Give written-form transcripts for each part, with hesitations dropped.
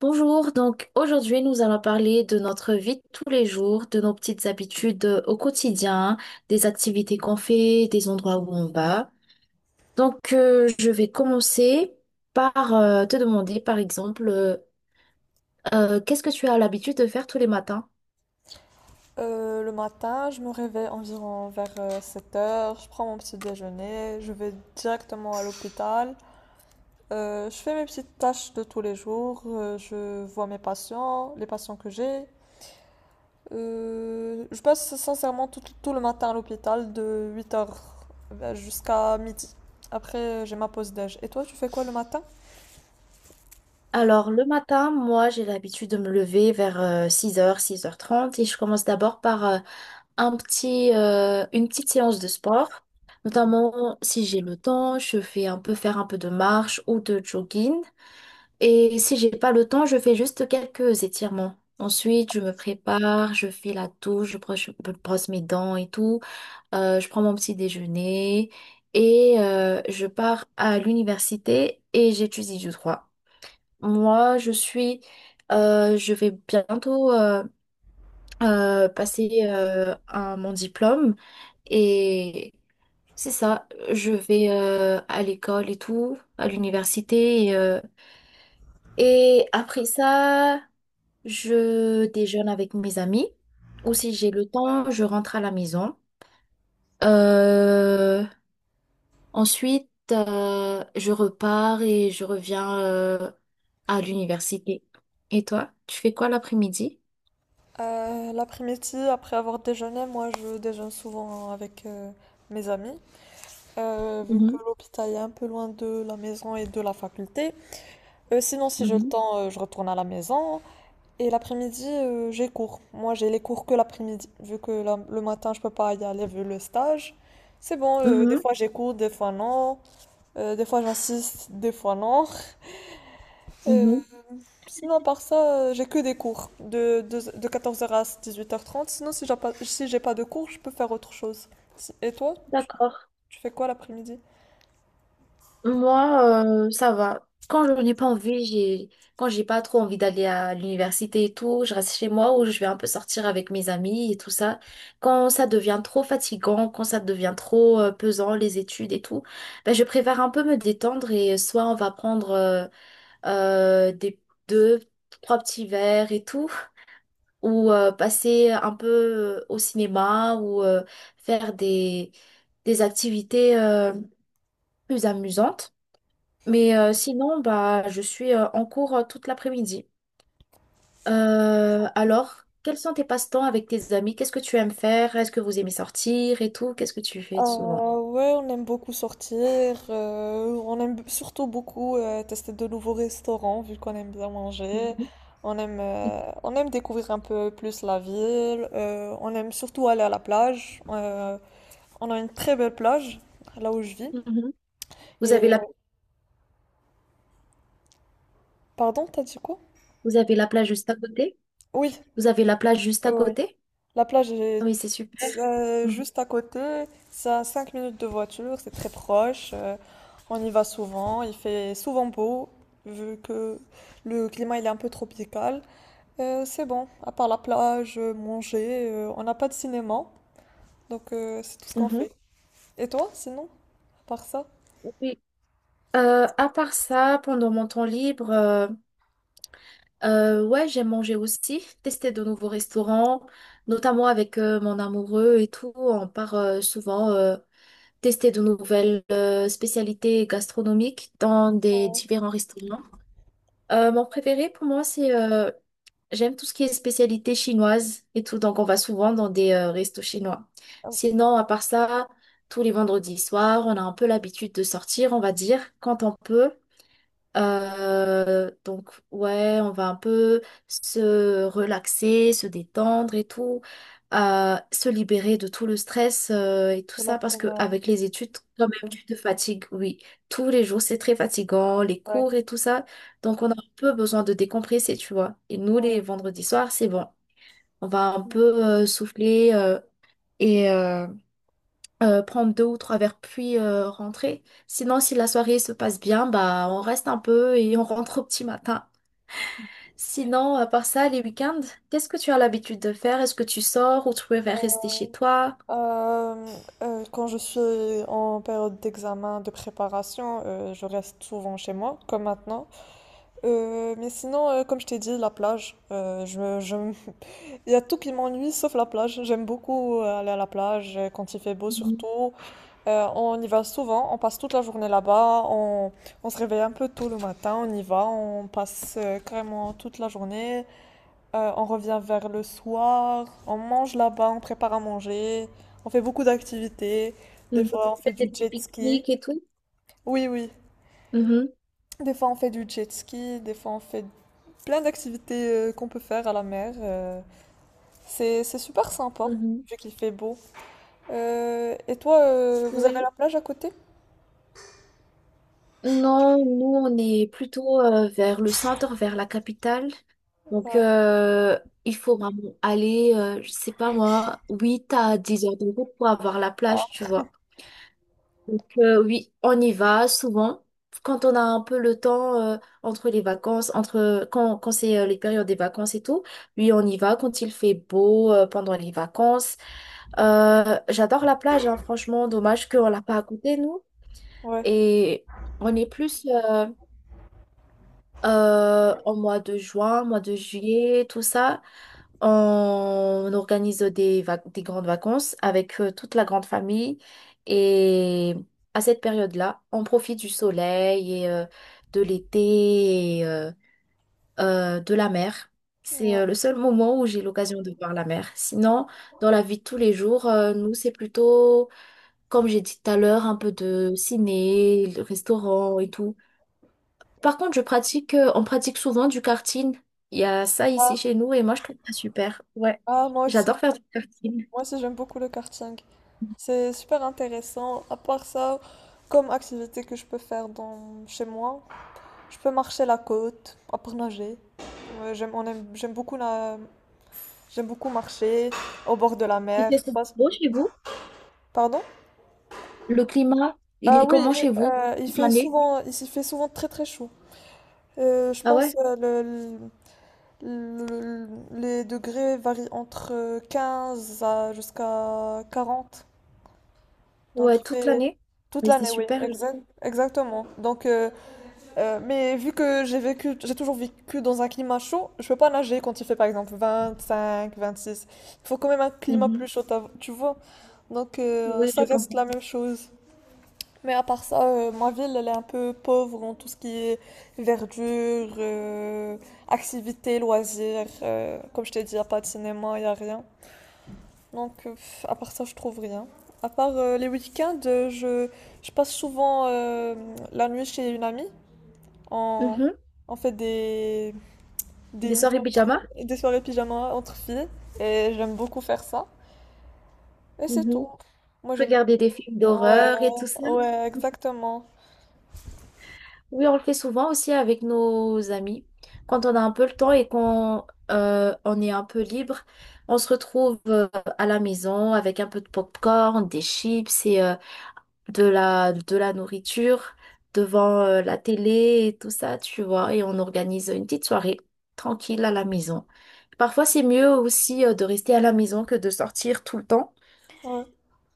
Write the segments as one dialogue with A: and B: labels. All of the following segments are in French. A: Bonjour, donc aujourd'hui nous allons parler de notre vie de tous les jours, de nos petites habitudes au quotidien, des activités qu'on fait, des endroits où on va. Donc je vais commencer par te demander par exemple, qu'est-ce que tu as l'habitude de faire tous les matins?
B: Le matin, je me réveille environ vers 7h, je prends mon petit déjeuner, je vais directement à l'hôpital. Je fais mes petites tâches de tous les jours, je vois mes patients, les patients que j'ai. Je passe sincèrement tout le matin à l'hôpital de 8h jusqu'à midi. Après, j'ai ma pause déj. Et toi, tu fais quoi le matin?
A: Alors, le matin, moi, j'ai l'habitude de me lever vers 6 heures, 6h30, et je commence d'abord par une petite séance de sport. Notamment, si j'ai le temps, je fais un peu faire un peu de marche ou de jogging. Et si j'ai pas le temps, je fais juste quelques étirements. Ensuite, je me prépare, je fais la douche, je brosse mes dents et tout. Je prends mon petit déjeuner et je pars à l'université et j'étudie du droit. Moi, je vais bientôt passer mon diplôme et c'est ça. Je vais à l'école et tout, à l'université et après ça, je déjeune avec mes amis ou si j'ai le temps, je rentre à la maison. Euh, ensuite, je repars et je reviens à l'université. Et toi, tu fais quoi l'après-midi?
B: L'après-midi, après avoir déjeuné, moi, je déjeune souvent avec mes amis. Vu que
A: Mhm,
B: l'hôpital est un peu loin de la maison et de la faculté. Sinon, si j'ai le
A: mhm,
B: temps, je retourne à la maison. Et l'après-midi, j'ai cours. Moi, j'ai les cours que l'après-midi, vu que le matin, je peux pas y aller vu le stage. C'est bon, des
A: mhm,
B: fois j'ai cours, des fois non. Des fois j'insiste, des fois non. Euh,
A: mhm.
B: Sinon, par ça, j'ai que des cours de 14h à 18h30. Sinon, si j'ai pas de cours, je peux faire autre chose. Et toi,
A: D'accord.
B: tu fais quoi l'après-midi?
A: Moi, ça va. Quand j'ai pas trop envie d'aller à l'université et tout, je reste chez moi ou je vais un peu sortir avec mes amis et tout ça. Quand ça devient trop fatigant, quand ça devient trop pesant, les études et tout, ben, je préfère un peu me détendre et soit on va prendre des deux, trois petits verres et tout, ou passer un peu au cinéma ou faire des activités plus amusantes. Mais sinon, bah, je suis en cours toute l'après-midi. Alors, quels sont tes passe-temps avec tes amis? Qu'est-ce que tu aimes faire? Est-ce que vous aimez sortir et tout? Qu'est-ce que tu fais souvent?
B: Ouais, on aime beaucoup sortir, on aime surtout beaucoup tester de nouveaux restaurants vu qu'on aime bien manger,
A: Mhm.
B: on aime découvrir un peu plus la ville, on aime surtout aller à la plage, on a une très belle plage là où je vis.
A: Mhm. Vous avez
B: Et
A: la,
B: pardon, t'as dit quoi?
A: Vous avez la plage juste à côté?
B: Oui,
A: Vous avez la plage juste à
B: oui.
A: côté?
B: La plage
A: Ah,
B: est
A: mais c'est super. Mhm.
B: juste à côté, c'est à 5 minutes de voiture, c'est très proche, on y va souvent, il fait souvent beau, vu que le climat il est un peu tropical. C'est bon, à part la plage, manger, on n'a pas de cinéma, donc c'est tout ce qu'on
A: Mhm.
B: fait. Et toi, sinon, à part ça?
A: Oui. À part ça, pendant mon temps libre, ouais, j'aime manger aussi, tester de nouveaux restaurants, notamment avec mon amoureux et tout. On part souvent tester de nouvelles spécialités gastronomiques dans des
B: Ouais.
A: différents restaurants. Mon préféré pour moi, c'est j'aime tout ce qui est spécialité chinoise et tout, donc on va souvent dans des restos chinois.
B: Ah,
A: Sinon, à part ça, tous les vendredis soirs, on a un peu l'habitude de sortir, on va dire, quand on peut. Donc, ouais, on va un peu se relaxer, se détendre et tout, se libérer de tout le stress et tout
B: de la
A: ça, parce que
B: semaine,
A: avec les études, quand même, tu te fatigues, oui. Tous les jours, c'est très fatigant, les
B: ouais.
A: cours et tout ça. Donc, on a un peu besoin de décompresser, tu vois. Et nous,
B: Ouais.
A: les vendredis soirs, c'est bon. On va un peu souffler et prendre deux ou trois verres puis rentrer. Sinon, si la soirée se passe bien, bah on reste un peu et on rentre au petit matin. Sinon, à part ça, les week-ends, qu'est-ce que tu as l'habitude de faire? Est-ce que tu sors ou tu préfères rester chez toi?
B: Euh, Quand je suis en période d'examen, de préparation, je reste souvent chez moi, comme maintenant. Mais sinon, comme je t'ai dit, la plage. Il y a tout qui m'ennuie sauf la plage. J'aime beaucoup aller à la plage quand il fait beau
A: Mhm.
B: surtout. On y va souvent, on passe toute la journée là-bas. On se réveille un peu tôt le matin, on y va, on passe carrément toute la journée. On revient vers le soir, on mange là-bas, on prépare à manger. On fait beaucoup d'activités. Des
A: Mhm.
B: fois, on fait
A: Faire des
B: du
A: petits
B: jet ski.
A: pique-niques et tout.
B: Oui, oui.
A: Mhm.
B: Des fois, on fait du jet ski, des fois, on fait plein d'activités qu'on peut faire à la mer. C'est super sympa,
A: Mhm.
B: vu qu'il fait beau. Et toi, vous avez
A: Oui.
B: la plage à côté?
A: Non, nous, on est plutôt vers le centre, vers la capitale. Donc,
B: Ouais.
A: il faut vraiment aller, je sais pas moi, 8 à 10 heures de route pour avoir la plage,
B: Ah,
A: tu vois. Donc, oui, on y va souvent. Quand on a un peu le temps entre les vacances, entre quand c'est les périodes des vacances et tout, oui, on y va quand il fait beau pendant les vacances. J'adore la plage, hein, franchement, dommage qu'on l'a pas à côté, nous.
B: ouais.
A: Et on est plus au mois de juin, mois de juillet, tout ça. On organise des grandes vacances avec toute la grande famille. Et à cette période-là, on profite du soleil et de l'été et de la mer. C'est
B: Ouais.
A: le seul moment où j'ai l'occasion de voir la mer. Sinon, dans la vie de tous les jours, nous, c'est plutôt, comme j'ai dit tout à l'heure, un peu de ciné, le restaurant et tout. Par contre, on pratique souvent du karting. Il y a ça
B: Ah,
A: ici chez nous et moi je trouve ça super. Ouais,
B: ah, moi aussi.
A: j'adore faire du karting.
B: Moi aussi, j'aime beaucoup le karting. C'est super intéressant. À part ça, comme activité que je peux faire dans, chez moi, je peux marcher la côte, après nager. Ouais, j'aime beaucoup j'aime beaucoup marcher au bord de la
A: Il fait
B: mer.
A: c'est beau chez vous?
B: Pardon?
A: Le climat, il
B: Ah
A: est
B: oui,
A: comment chez vous? Toute l'année?
B: il s'y fait souvent très très chaud. Je
A: Ah
B: pense
A: ouais?
B: le- le- les degrés varient entre 15 à jusqu'à 40. Donc
A: Ouais,
B: il
A: toute
B: fait
A: l'année.
B: toute
A: Mais c'est
B: l'année, oui,
A: super, je trouve.
B: exactement. Mais vu que j'ai toujours vécu dans un climat chaud, je peux pas nager quand il fait par exemple 25, 26. Il faut quand même un climat plus
A: Mhm.
B: chaud, tu vois. Donc
A: Oui,
B: ça
A: je
B: reste la
A: comprends.
B: même chose. Mais à part ça, ma ville, elle est un peu pauvre en tout ce qui est verdure, activités, loisirs. Comme je t'ai dit, il n'y a pas de cinéma, il n'y a rien. Donc, à part ça, je trouve rien. À part les week-ends, je passe souvent la nuit chez une amie. On,
A: Mhm.
B: on fait
A: Des
B: des nuits
A: soirées pyjama?
B: des soirées pyjama entre filles. Et j'aime beaucoup faire ça. Et c'est tout.
A: Mhm.
B: Moi, j'aime
A: Regarder des films
B: beaucoup. Ouais,
A: d'horreur et tout ça.
B: ouais, exactement.
A: Oui, on le fait souvent aussi avec nos amis. Quand on a un peu le temps et qu'on on est un peu libre, on se retrouve à la maison avec un peu de popcorn, des chips et de la nourriture devant la télé et tout ça, tu vois. Et on organise une petite soirée tranquille à la maison. Parfois, c'est mieux aussi de rester à la maison que de sortir tout le temps.
B: Ouais.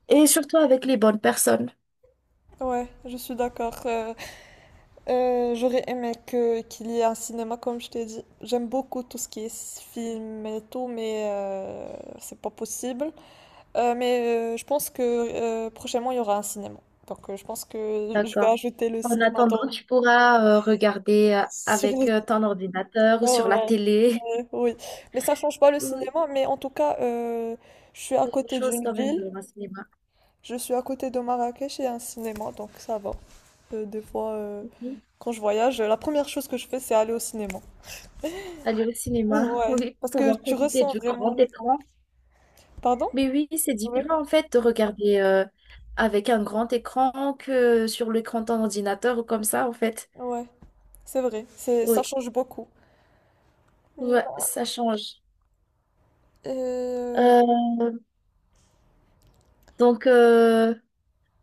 A: Et surtout avec les bonnes personnes.
B: Ouais, je suis d'accord. J'aurais aimé que qu'il y ait un cinéma, comme je t'ai dit. J'aime beaucoup tout ce qui est film et tout, mais c'est pas possible. Je pense que prochainement, il y aura un cinéma. Donc, je pense que je vais
A: D'accord.
B: ajouter le
A: En
B: cinéma
A: attendant, tu pourras regarder
B: sur
A: avec
B: le.
A: ton ordinateur
B: Ah
A: ou sur la
B: ouais,
A: télé.
B: ouais, oui. Mais ça change pas le
A: Oui,
B: cinéma, mais en tout cas, je suis à
A: quelque
B: côté
A: chose
B: d'une
A: quand même
B: ville.
A: de un cinéma.
B: Je suis à côté de Marrakech et un cinéma, donc ça va. Des fois,
A: Mhm.
B: quand je voyage, la première chose que je fais, c'est aller au cinéma.
A: Aller au cinéma,
B: Ouais,
A: oui,
B: parce que
A: pouvoir
B: tu
A: profiter
B: ressens
A: du
B: vraiment
A: grand
B: le vent.
A: écran.
B: Pardon?
A: Mais oui, c'est
B: Ouais.
A: différent en fait de regarder avec un grand écran que sur l'écran de ton ordinateur ou comme ça en fait.
B: Ouais, c'est vrai. Ça
A: Oui,
B: change beaucoup.
A: ouais,
B: Mm,
A: ça change.
B: Euh,
A: Euh, donc,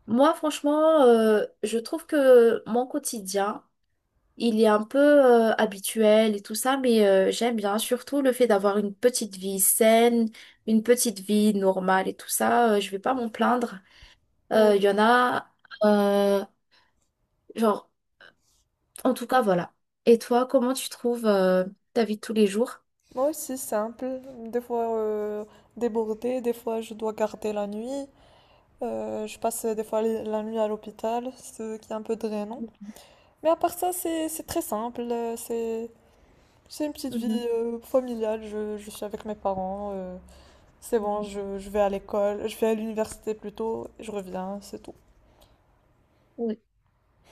A: moi franchement, je trouve que mon quotidien. Il est un peu habituel et tout ça, mais j'aime bien surtout le fait d'avoir une petite vie saine, une petite vie normale et tout ça. Je vais pas m'en plaindre.
B: oui.
A: Il y en a, euh, genre, en tout cas, voilà. Et toi, comment tu trouves ta vie de tous les jours?
B: Moi aussi, simple. Des fois débordée, des fois je dois garder la nuit. Je passe des fois la nuit à l'hôpital, ce qui est un peu drainant. Mais à part ça, c'est très simple. C'est une petite vie
A: Mhm,
B: familiale. Je suis avec mes parents. C'est bon,
A: mhm.
B: je vais à l'école, je vais à l'université plutôt, je reviens, c'est tout.
A: Oui,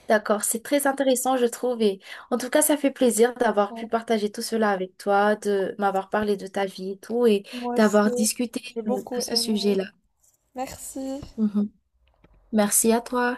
A: d'accord, c'est très intéressant, je trouve. Et en tout cas, ça fait plaisir d'avoir pu
B: Ouais,
A: partager tout cela avec toi, de m'avoir parlé de ta vie et tout, et
B: moi aussi,
A: d'avoir discuté
B: j'ai beaucoup
A: de ce
B: aimé.
A: sujet-là.
B: Merci.
A: Mhm. Merci à toi.